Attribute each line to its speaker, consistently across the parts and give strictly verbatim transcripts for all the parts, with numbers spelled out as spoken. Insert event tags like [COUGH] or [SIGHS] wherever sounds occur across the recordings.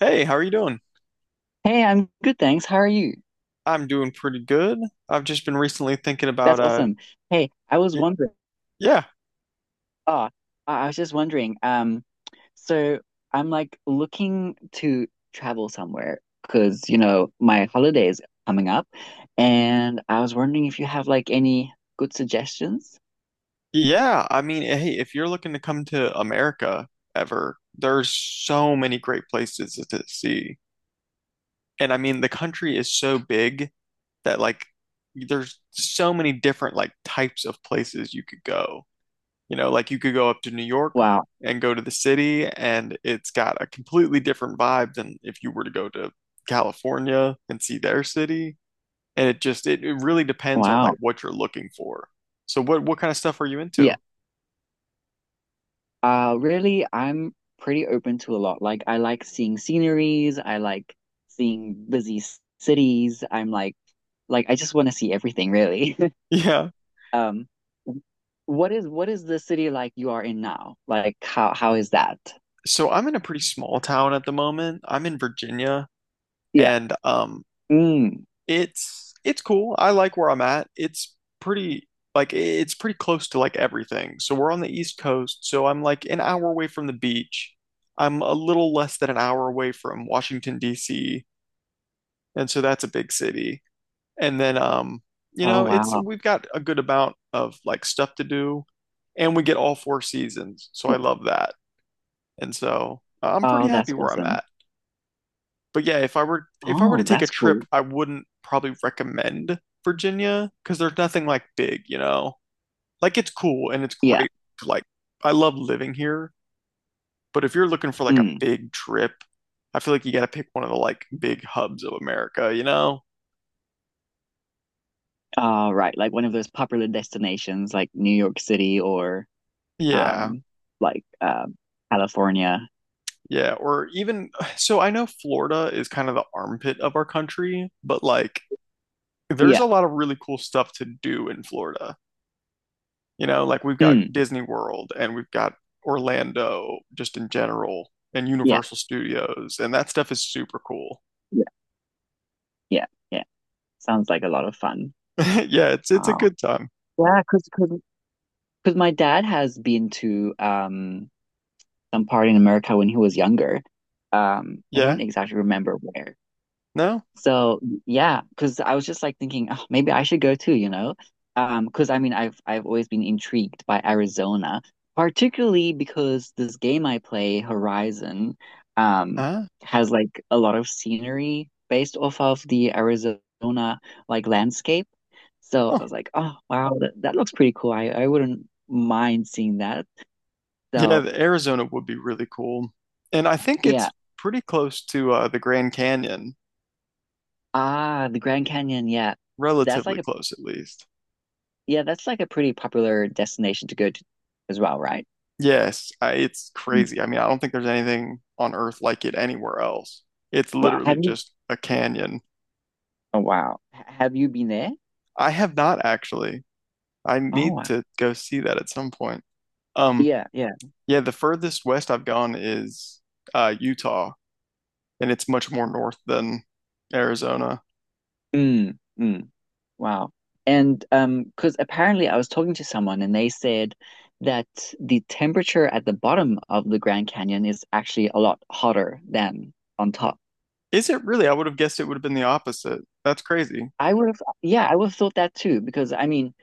Speaker 1: Hey, how are you doing?
Speaker 2: Hey, I'm good, thanks. How are you?
Speaker 1: I'm doing pretty good. I've just been recently thinking about
Speaker 2: That's
Speaker 1: uh
Speaker 2: awesome. Hey, I was
Speaker 1: y
Speaker 2: wondering.
Speaker 1: yeah.
Speaker 2: Oh, I I was just wondering. Um, so I'm like looking to travel somewhere because you know my holiday is coming up, and I was wondering if you have like any good suggestions.
Speaker 1: Yeah, I mean, hey, if you're looking to come to America ever, there's so many great places to see. And I mean, the country is so big that like there's so many different like types of places you could go. You know, like you could go up to New York
Speaker 2: Wow,
Speaker 1: and go to the city, and it's got a completely different vibe than if you were to go to California and see their city. And it just it, it really depends on like
Speaker 2: wow.
Speaker 1: what you're looking for. So what what kind of stuff are you
Speaker 2: Yeah.
Speaker 1: into?
Speaker 2: Uh, really, I'm pretty open to a lot. Like, I like seeing sceneries. I like seeing busy c- cities. I'm like, like I just want to see everything, really. [LAUGHS]
Speaker 1: [LAUGHS] Yeah.
Speaker 2: Um, what is what is the city like you are in now? Like how how is that?
Speaker 1: So I'm in a pretty small town at the moment. I'm in Virginia,
Speaker 2: Yeah.
Speaker 1: and um
Speaker 2: Mm.
Speaker 1: it's it's cool. I like where I'm at. It's pretty like it's pretty close to like everything. So we're on the East Coast, so I'm like an hour away from the beach. I'm a little less than an hour away from Washington, D C, and so that's a big city. And then um, you
Speaker 2: Oh
Speaker 1: know, it's
Speaker 2: wow.
Speaker 1: we've got a good amount of like stuff to do, and we get all four seasons. So I
Speaker 2: Yeah.
Speaker 1: love that. And so uh, I'm pretty
Speaker 2: Oh,
Speaker 1: happy
Speaker 2: that's
Speaker 1: where I'm
Speaker 2: awesome.
Speaker 1: at. But yeah, if I were if I were to
Speaker 2: Oh,
Speaker 1: take a
Speaker 2: that's
Speaker 1: trip,
Speaker 2: cool.
Speaker 1: I wouldn't probably recommend Virginia because there's nothing like big, you know. Like it's cool and it's
Speaker 2: Yeah.
Speaker 1: great. Like I love living here, but if you're looking for like a
Speaker 2: Mm.
Speaker 1: big trip, I feel like you got to pick one of the like big hubs of America, you know?
Speaker 2: All right. Like one of those popular destinations like New York City or
Speaker 1: Yeah.
Speaker 2: um like um California.
Speaker 1: Yeah, or even [SIGHS] so I know Florida is kind of the armpit of our country, but like there's
Speaker 2: Yeah.
Speaker 1: a lot of really cool stuff to do in Florida. You know, like we've got
Speaker 2: Mm.
Speaker 1: Disney World and we've got Orlando just in general and
Speaker 2: Yeah.
Speaker 1: Universal Studios, and that stuff is super cool.
Speaker 2: Yeah. Yeah. Yeah. Sounds like a lot of fun.
Speaker 1: [LAUGHS] Yeah, it's it's a
Speaker 2: Wow.
Speaker 1: good time.
Speaker 2: Yeah, because because my dad has been to um some part in America when he was younger. Um, I
Speaker 1: Yeah.
Speaker 2: don't exactly remember where.
Speaker 1: No?
Speaker 2: So yeah, because I was just like thinking, oh, maybe I should go too, you know? Um, because I mean, I've I've always been intrigued by Arizona, particularly because this game I play, Horizon, um,
Speaker 1: Uh,
Speaker 2: has like a lot of scenery based off of the Arizona like landscape. So
Speaker 1: oh.
Speaker 2: I was like, oh wow, that, that looks pretty cool. I I wouldn't mind seeing that.
Speaker 1: Yeah,
Speaker 2: So
Speaker 1: the Arizona would be really cool. And I think it's
Speaker 2: yeah.
Speaker 1: pretty close to uh, the Grand Canyon,
Speaker 2: Ah, the Grand Canyon, yeah. That's
Speaker 1: relatively
Speaker 2: like a
Speaker 1: close at least.
Speaker 2: yeah, that's like a pretty popular destination to go to as well, right?
Speaker 1: Yes, I, it's
Speaker 2: Mm.
Speaker 1: crazy. I mean, I don't think there's anything on Earth like it anywhere else. It's
Speaker 2: Wow.
Speaker 1: literally
Speaker 2: Have you
Speaker 1: just a canyon.
Speaker 2: oh wow. H- have you been there?
Speaker 1: I have not actually. I
Speaker 2: Oh
Speaker 1: need
Speaker 2: wow.
Speaker 1: to go see that at some point. Um,
Speaker 2: Yeah, yeah.
Speaker 1: yeah, the furthest west I've gone is uh, Utah, and it's much more north than Arizona.
Speaker 2: Mm, mm, wow. And um, because apparently I was talking to someone and they said that the temperature at the bottom of the Grand Canyon is actually a lot hotter than on top.
Speaker 1: Is it really? I would have guessed it would have been the opposite. That's crazy,
Speaker 2: I would have, yeah, I would have thought that too, because I mean,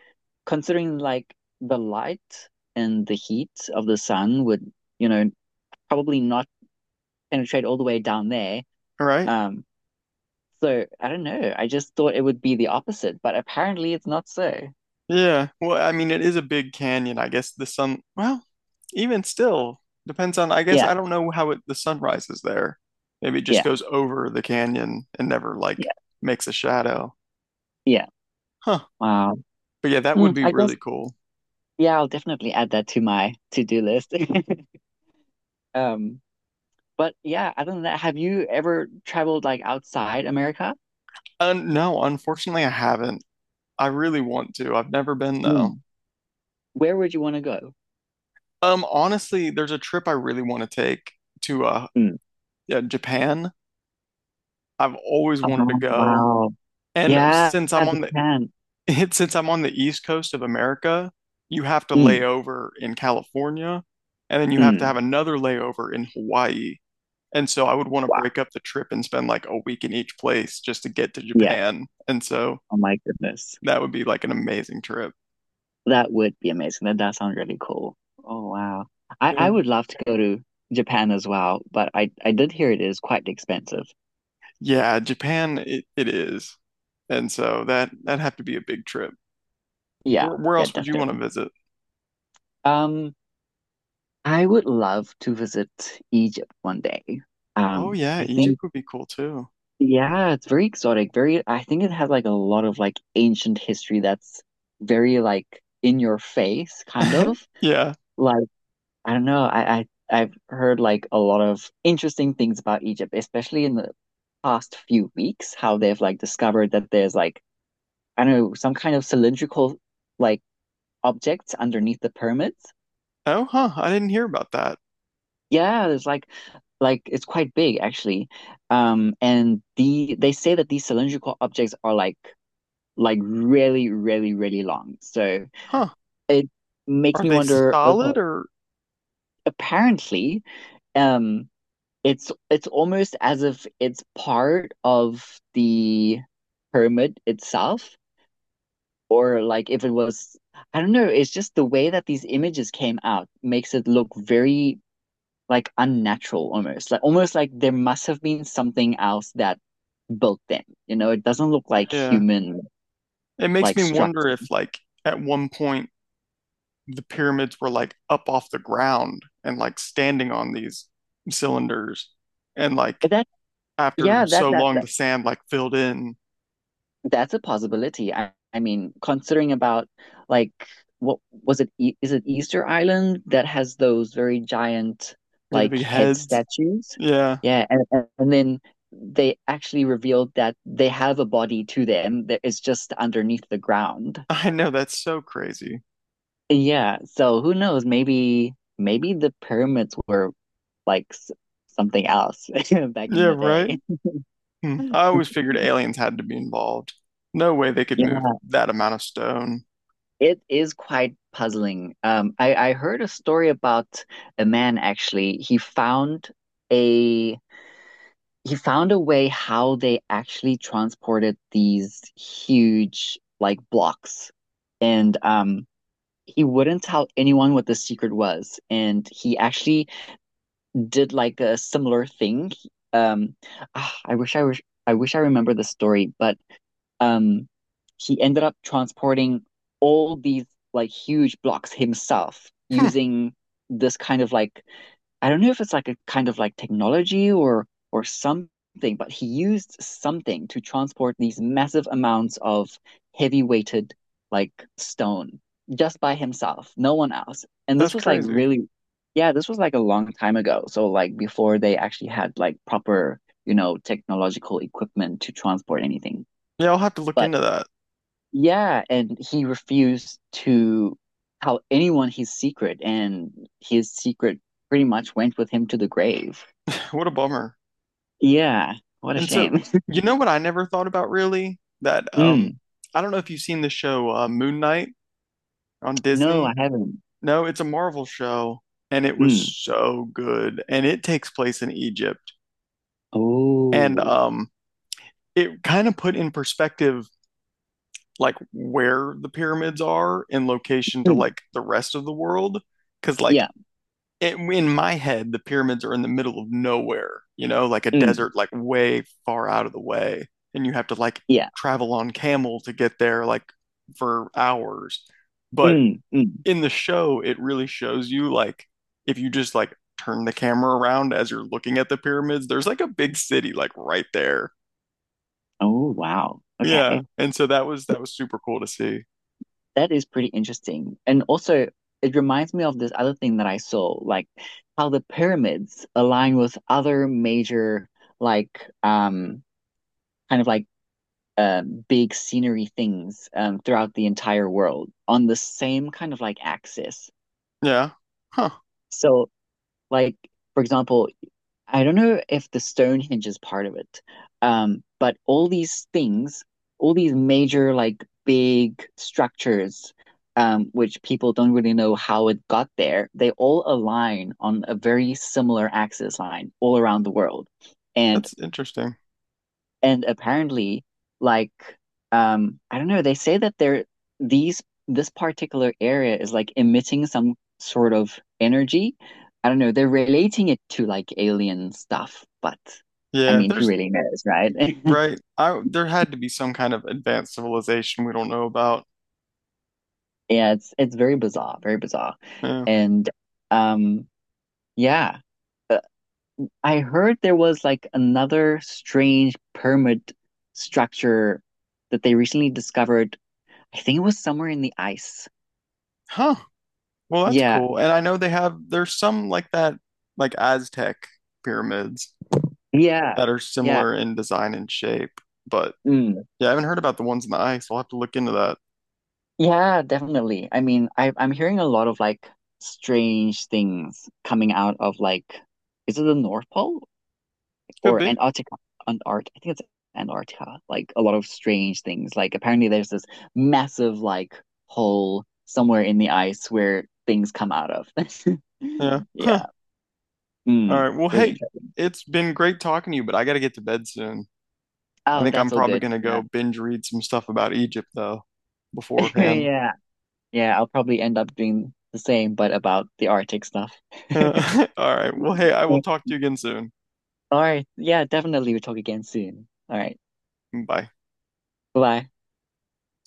Speaker 2: considering like the light and the heat of the sun would, you know, probably not penetrate all the way down there.
Speaker 1: right?
Speaker 2: Um, so I don't know. I just thought it would be the opposite, but apparently it's not so.
Speaker 1: Yeah. Well, I mean, it is a big canyon. I guess the sun. Well, even still, depends on, I guess
Speaker 2: Yeah,
Speaker 1: I don't know how it, the sun rises there. Maybe it just
Speaker 2: yeah,
Speaker 1: goes over the canyon and never like
Speaker 2: yeah,
Speaker 1: makes a shadow.
Speaker 2: yeah.
Speaker 1: Huh.
Speaker 2: Wow.
Speaker 1: But yeah, that would
Speaker 2: Mm,
Speaker 1: be
Speaker 2: I guess
Speaker 1: really cool.
Speaker 2: yeah, I'll definitely add that to my to-do list. [LAUGHS] Um, but yeah, other than that, have you ever traveled like outside America?
Speaker 1: Uh, no, unfortunately, I haven't. I really want to. I've never been though.
Speaker 2: Mm. Where would you want to go?
Speaker 1: Um, honestly, there's a trip I really want to take to uh,
Speaker 2: Mm.
Speaker 1: yeah, Japan. I've always
Speaker 2: Oh,
Speaker 1: wanted to go.
Speaker 2: wow.
Speaker 1: And
Speaker 2: Yeah,
Speaker 1: since I'm on
Speaker 2: Japan.
Speaker 1: [LAUGHS] it, since I'm on the East Coast of America, you have to lay
Speaker 2: Mm,
Speaker 1: over in California, and then you have to have
Speaker 2: mm.
Speaker 1: another layover in Hawaii. And so I would want to
Speaker 2: Wow.
Speaker 1: break up the trip and spend like a week in each place just to get to
Speaker 2: Yeah.
Speaker 1: Japan. And so
Speaker 2: Oh my goodness.
Speaker 1: that would be like an amazing trip.
Speaker 2: That would be amazing. That does sound really cool. Oh wow. I,
Speaker 1: Yeah,
Speaker 2: I would love to go to Japan as well, but I, I did hear it is quite expensive.
Speaker 1: yeah, Japan it, it is. And so that that'd have to be a big trip.
Speaker 2: Yeah,
Speaker 1: Where, where
Speaker 2: yeah,
Speaker 1: else would you want to
Speaker 2: definitely.
Speaker 1: visit?
Speaker 2: Um, I would love to visit Egypt one day.
Speaker 1: Oh
Speaker 2: Um,
Speaker 1: yeah,
Speaker 2: I
Speaker 1: Egypt
Speaker 2: think
Speaker 1: would be cool too.
Speaker 2: yeah, it's very exotic. Very, I think it has like a lot of like ancient history that's very like in your face, kind
Speaker 1: [LAUGHS]
Speaker 2: of.
Speaker 1: Yeah.
Speaker 2: Like I don't know. I, I I've heard like a lot of interesting things about Egypt, especially in the past few weeks, how they've like discovered that there's like I don't know some kind of cylindrical like objects underneath the pyramids.
Speaker 1: Oh, huh. I didn't hear about that.
Speaker 2: Yeah, there's like like it's quite big actually. Um, and the they say that these cylindrical objects are like like really really really long. So
Speaker 1: Huh.
Speaker 2: it makes
Speaker 1: Are
Speaker 2: me
Speaker 1: they
Speaker 2: wonder.
Speaker 1: solid
Speaker 2: Okay,
Speaker 1: or
Speaker 2: apparently. Um, It's it's almost as if it's part of the pyramid itself, or like if it was, I don't know, it's just the way that these images came out makes it look very like unnatural almost. Like almost like there must have been something else that built them. You know, it doesn't look like
Speaker 1: yeah.
Speaker 2: human
Speaker 1: It makes
Speaker 2: like
Speaker 1: me wonder
Speaker 2: structure.
Speaker 1: if, like, at one point the pyramids were like up off the ground and like standing on these cylinders. And like
Speaker 2: That
Speaker 1: after
Speaker 2: yeah, that
Speaker 1: so
Speaker 2: that
Speaker 1: long, the sand like filled in.
Speaker 2: That's a possibility. I, I mean, considering about like what was it? E Is it Easter Island that has those very giant
Speaker 1: Yeah, the
Speaker 2: like
Speaker 1: big
Speaker 2: head
Speaker 1: heads.
Speaker 2: statues?
Speaker 1: Yeah,
Speaker 2: Yeah, and and and then they actually revealed that they have a body to them that is just underneath the ground.
Speaker 1: [LAUGHS] I know that's so crazy.
Speaker 2: Yeah, so who knows? Maybe maybe the pyramids were like s something else [LAUGHS] back in
Speaker 1: Yeah,
Speaker 2: the
Speaker 1: right?
Speaker 2: day.
Speaker 1: Hmm. I always figured aliens had to be involved. No way they could move
Speaker 2: [LAUGHS]
Speaker 1: that amount of stone.
Speaker 2: It is quite puzzling. Um, I, I heard a story about a man actually. He found a he found a way how they actually transported these huge like blocks, and um, he wouldn't tell anyone what the secret was. And he actually did like a similar thing. Um, ah, I wish I wish I wish I remember the story, but um, he ended up transporting all these like huge blocks himself using this kind of like I don't know if it's like a kind of like technology or or something, but he used something to transport these massive amounts of heavy weighted like stone just by himself, no one else. And this
Speaker 1: That's
Speaker 2: was like
Speaker 1: crazy.
Speaker 2: really, yeah, this was like a long time ago. So like before they actually had like proper, you know, technological equipment to transport anything.
Speaker 1: Yeah, I'll have to look
Speaker 2: But
Speaker 1: into that.
Speaker 2: yeah, and he refused to tell anyone his secret, and his secret pretty much went with him to the grave.
Speaker 1: [SIGHS] What a bummer.
Speaker 2: Yeah, what a
Speaker 1: And so,
Speaker 2: shame. [LAUGHS]
Speaker 1: you know what I never thought about really? That um
Speaker 2: Mm.
Speaker 1: I don't know if you've seen the show uh, Moon Knight on
Speaker 2: No,
Speaker 1: Disney.
Speaker 2: I haven't.
Speaker 1: No, it's a Marvel show, and it was
Speaker 2: Mm.
Speaker 1: so good, and it takes place in Egypt. And
Speaker 2: Oh.
Speaker 1: um it kind of put in perspective like where the pyramids are in location to
Speaker 2: Mm.
Speaker 1: like the rest of the world. Because like
Speaker 2: Yeah.
Speaker 1: in my head, the pyramids are in the middle of nowhere, you know, like a
Speaker 2: Mm.
Speaker 1: desert, like way far out of the way. And you have to like
Speaker 2: Yeah.
Speaker 1: travel on camel to get there, like for hours. But
Speaker 2: Mm. Mm.
Speaker 1: in the show, it really shows you like if you just like turn the camera around as you're looking at the pyramids, there's like a big city like right there.
Speaker 2: Oh, wow.
Speaker 1: Yeah.
Speaker 2: Okay.
Speaker 1: And so that was that was super cool to see.
Speaker 2: That is pretty interesting. And also, it reminds me of this other thing that I saw, like how the pyramids align with other major, like, um, kind of like um, big scenery things um, throughout the entire world on the same kind of like axis.
Speaker 1: Yeah. Huh.
Speaker 2: So, like for example, I don't know if the Stonehenge is part of it, um, but all these things, all these major like big structures, um, which people don't really know how it got there, they all align on a very similar axis line all around the world. And
Speaker 1: That's interesting.
Speaker 2: and apparently, like, um, I don't know, they say that they're these this particular area is like emitting some sort of energy. I don't know, they're relating it to like alien stuff, but I
Speaker 1: Yeah,
Speaker 2: mean, who
Speaker 1: there's
Speaker 2: really knows, right? [LAUGHS]
Speaker 1: right? I there had to be some kind of advanced civilization we don't know about.
Speaker 2: Yeah, it's it's very bizarre, very bizarre.
Speaker 1: Yeah.
Speaker 2: And um yeah, uh, I heard there was like another strange pyramid structure that they recently discovered. I think it was somewhere in the ice.
Speaker 1: Huh. Well, that's
Speaker 2: Yeah.
Speaker 1: cool. And I know they have there's some like that like Aztec pyramids
Speaker 2: Yeah,
Speaker 1: that are
Speaker 2: yeah,
Speaker 1: similar in design and shape, but
Speaker 2: mm,
Speaker 1: yeah, I haven't heard about the ones in the ice. I'll have to look into that.
Speaker 2: yeah, definitely. I mean, I I'm hearing a lot of like strange things coming out of like, is it the North Pole
Speaker 1: Could
Speaker 2: or
Speaker 1: be.
Speaker 2: Antarctica? Antart, I think it's Antarctica. Like a lot of strange things. Like apparently there's this massive like hole somewhere in the ice where things come out of. [LAUGHS]
Speaker 1: Yeah.
Speaker 2: Yeah,
Speaker 1: All
Speaker 2: mm,
Speaker 1: right. Well,
Speaker 2: very
Speaker 1: hey,
Speaker 2: interesting.
Speaker 1: it's been great talking to you, but I gotta get to bed soon. I
Speaker 2: Oh,
Speaker 1: think I'm
Speaker 2: that's all
Speaker 1: probably
Speaker 2: good.
Speaker 1: gonna
Speaker 2: Yeah,
Speaker 1: go binge read some stuff about Egypt though
Speaker 2: [LAUGHS]
Speaker 1: beforehand.
Speaker 2: yeah, yeah. I'll probably end up doing the same, but about the Arctic stuff.
Speaker 1: [LAUGHS] All right. Well, hey, I will
Speaker 2: [LAUGHS]
Speaker 1: talk to you again soon.
Speaker 2: All right. Yeah, definitely. We'll talk again soon. All right.
Speaker 1: Bye.
Speaker 2: Bye-bye.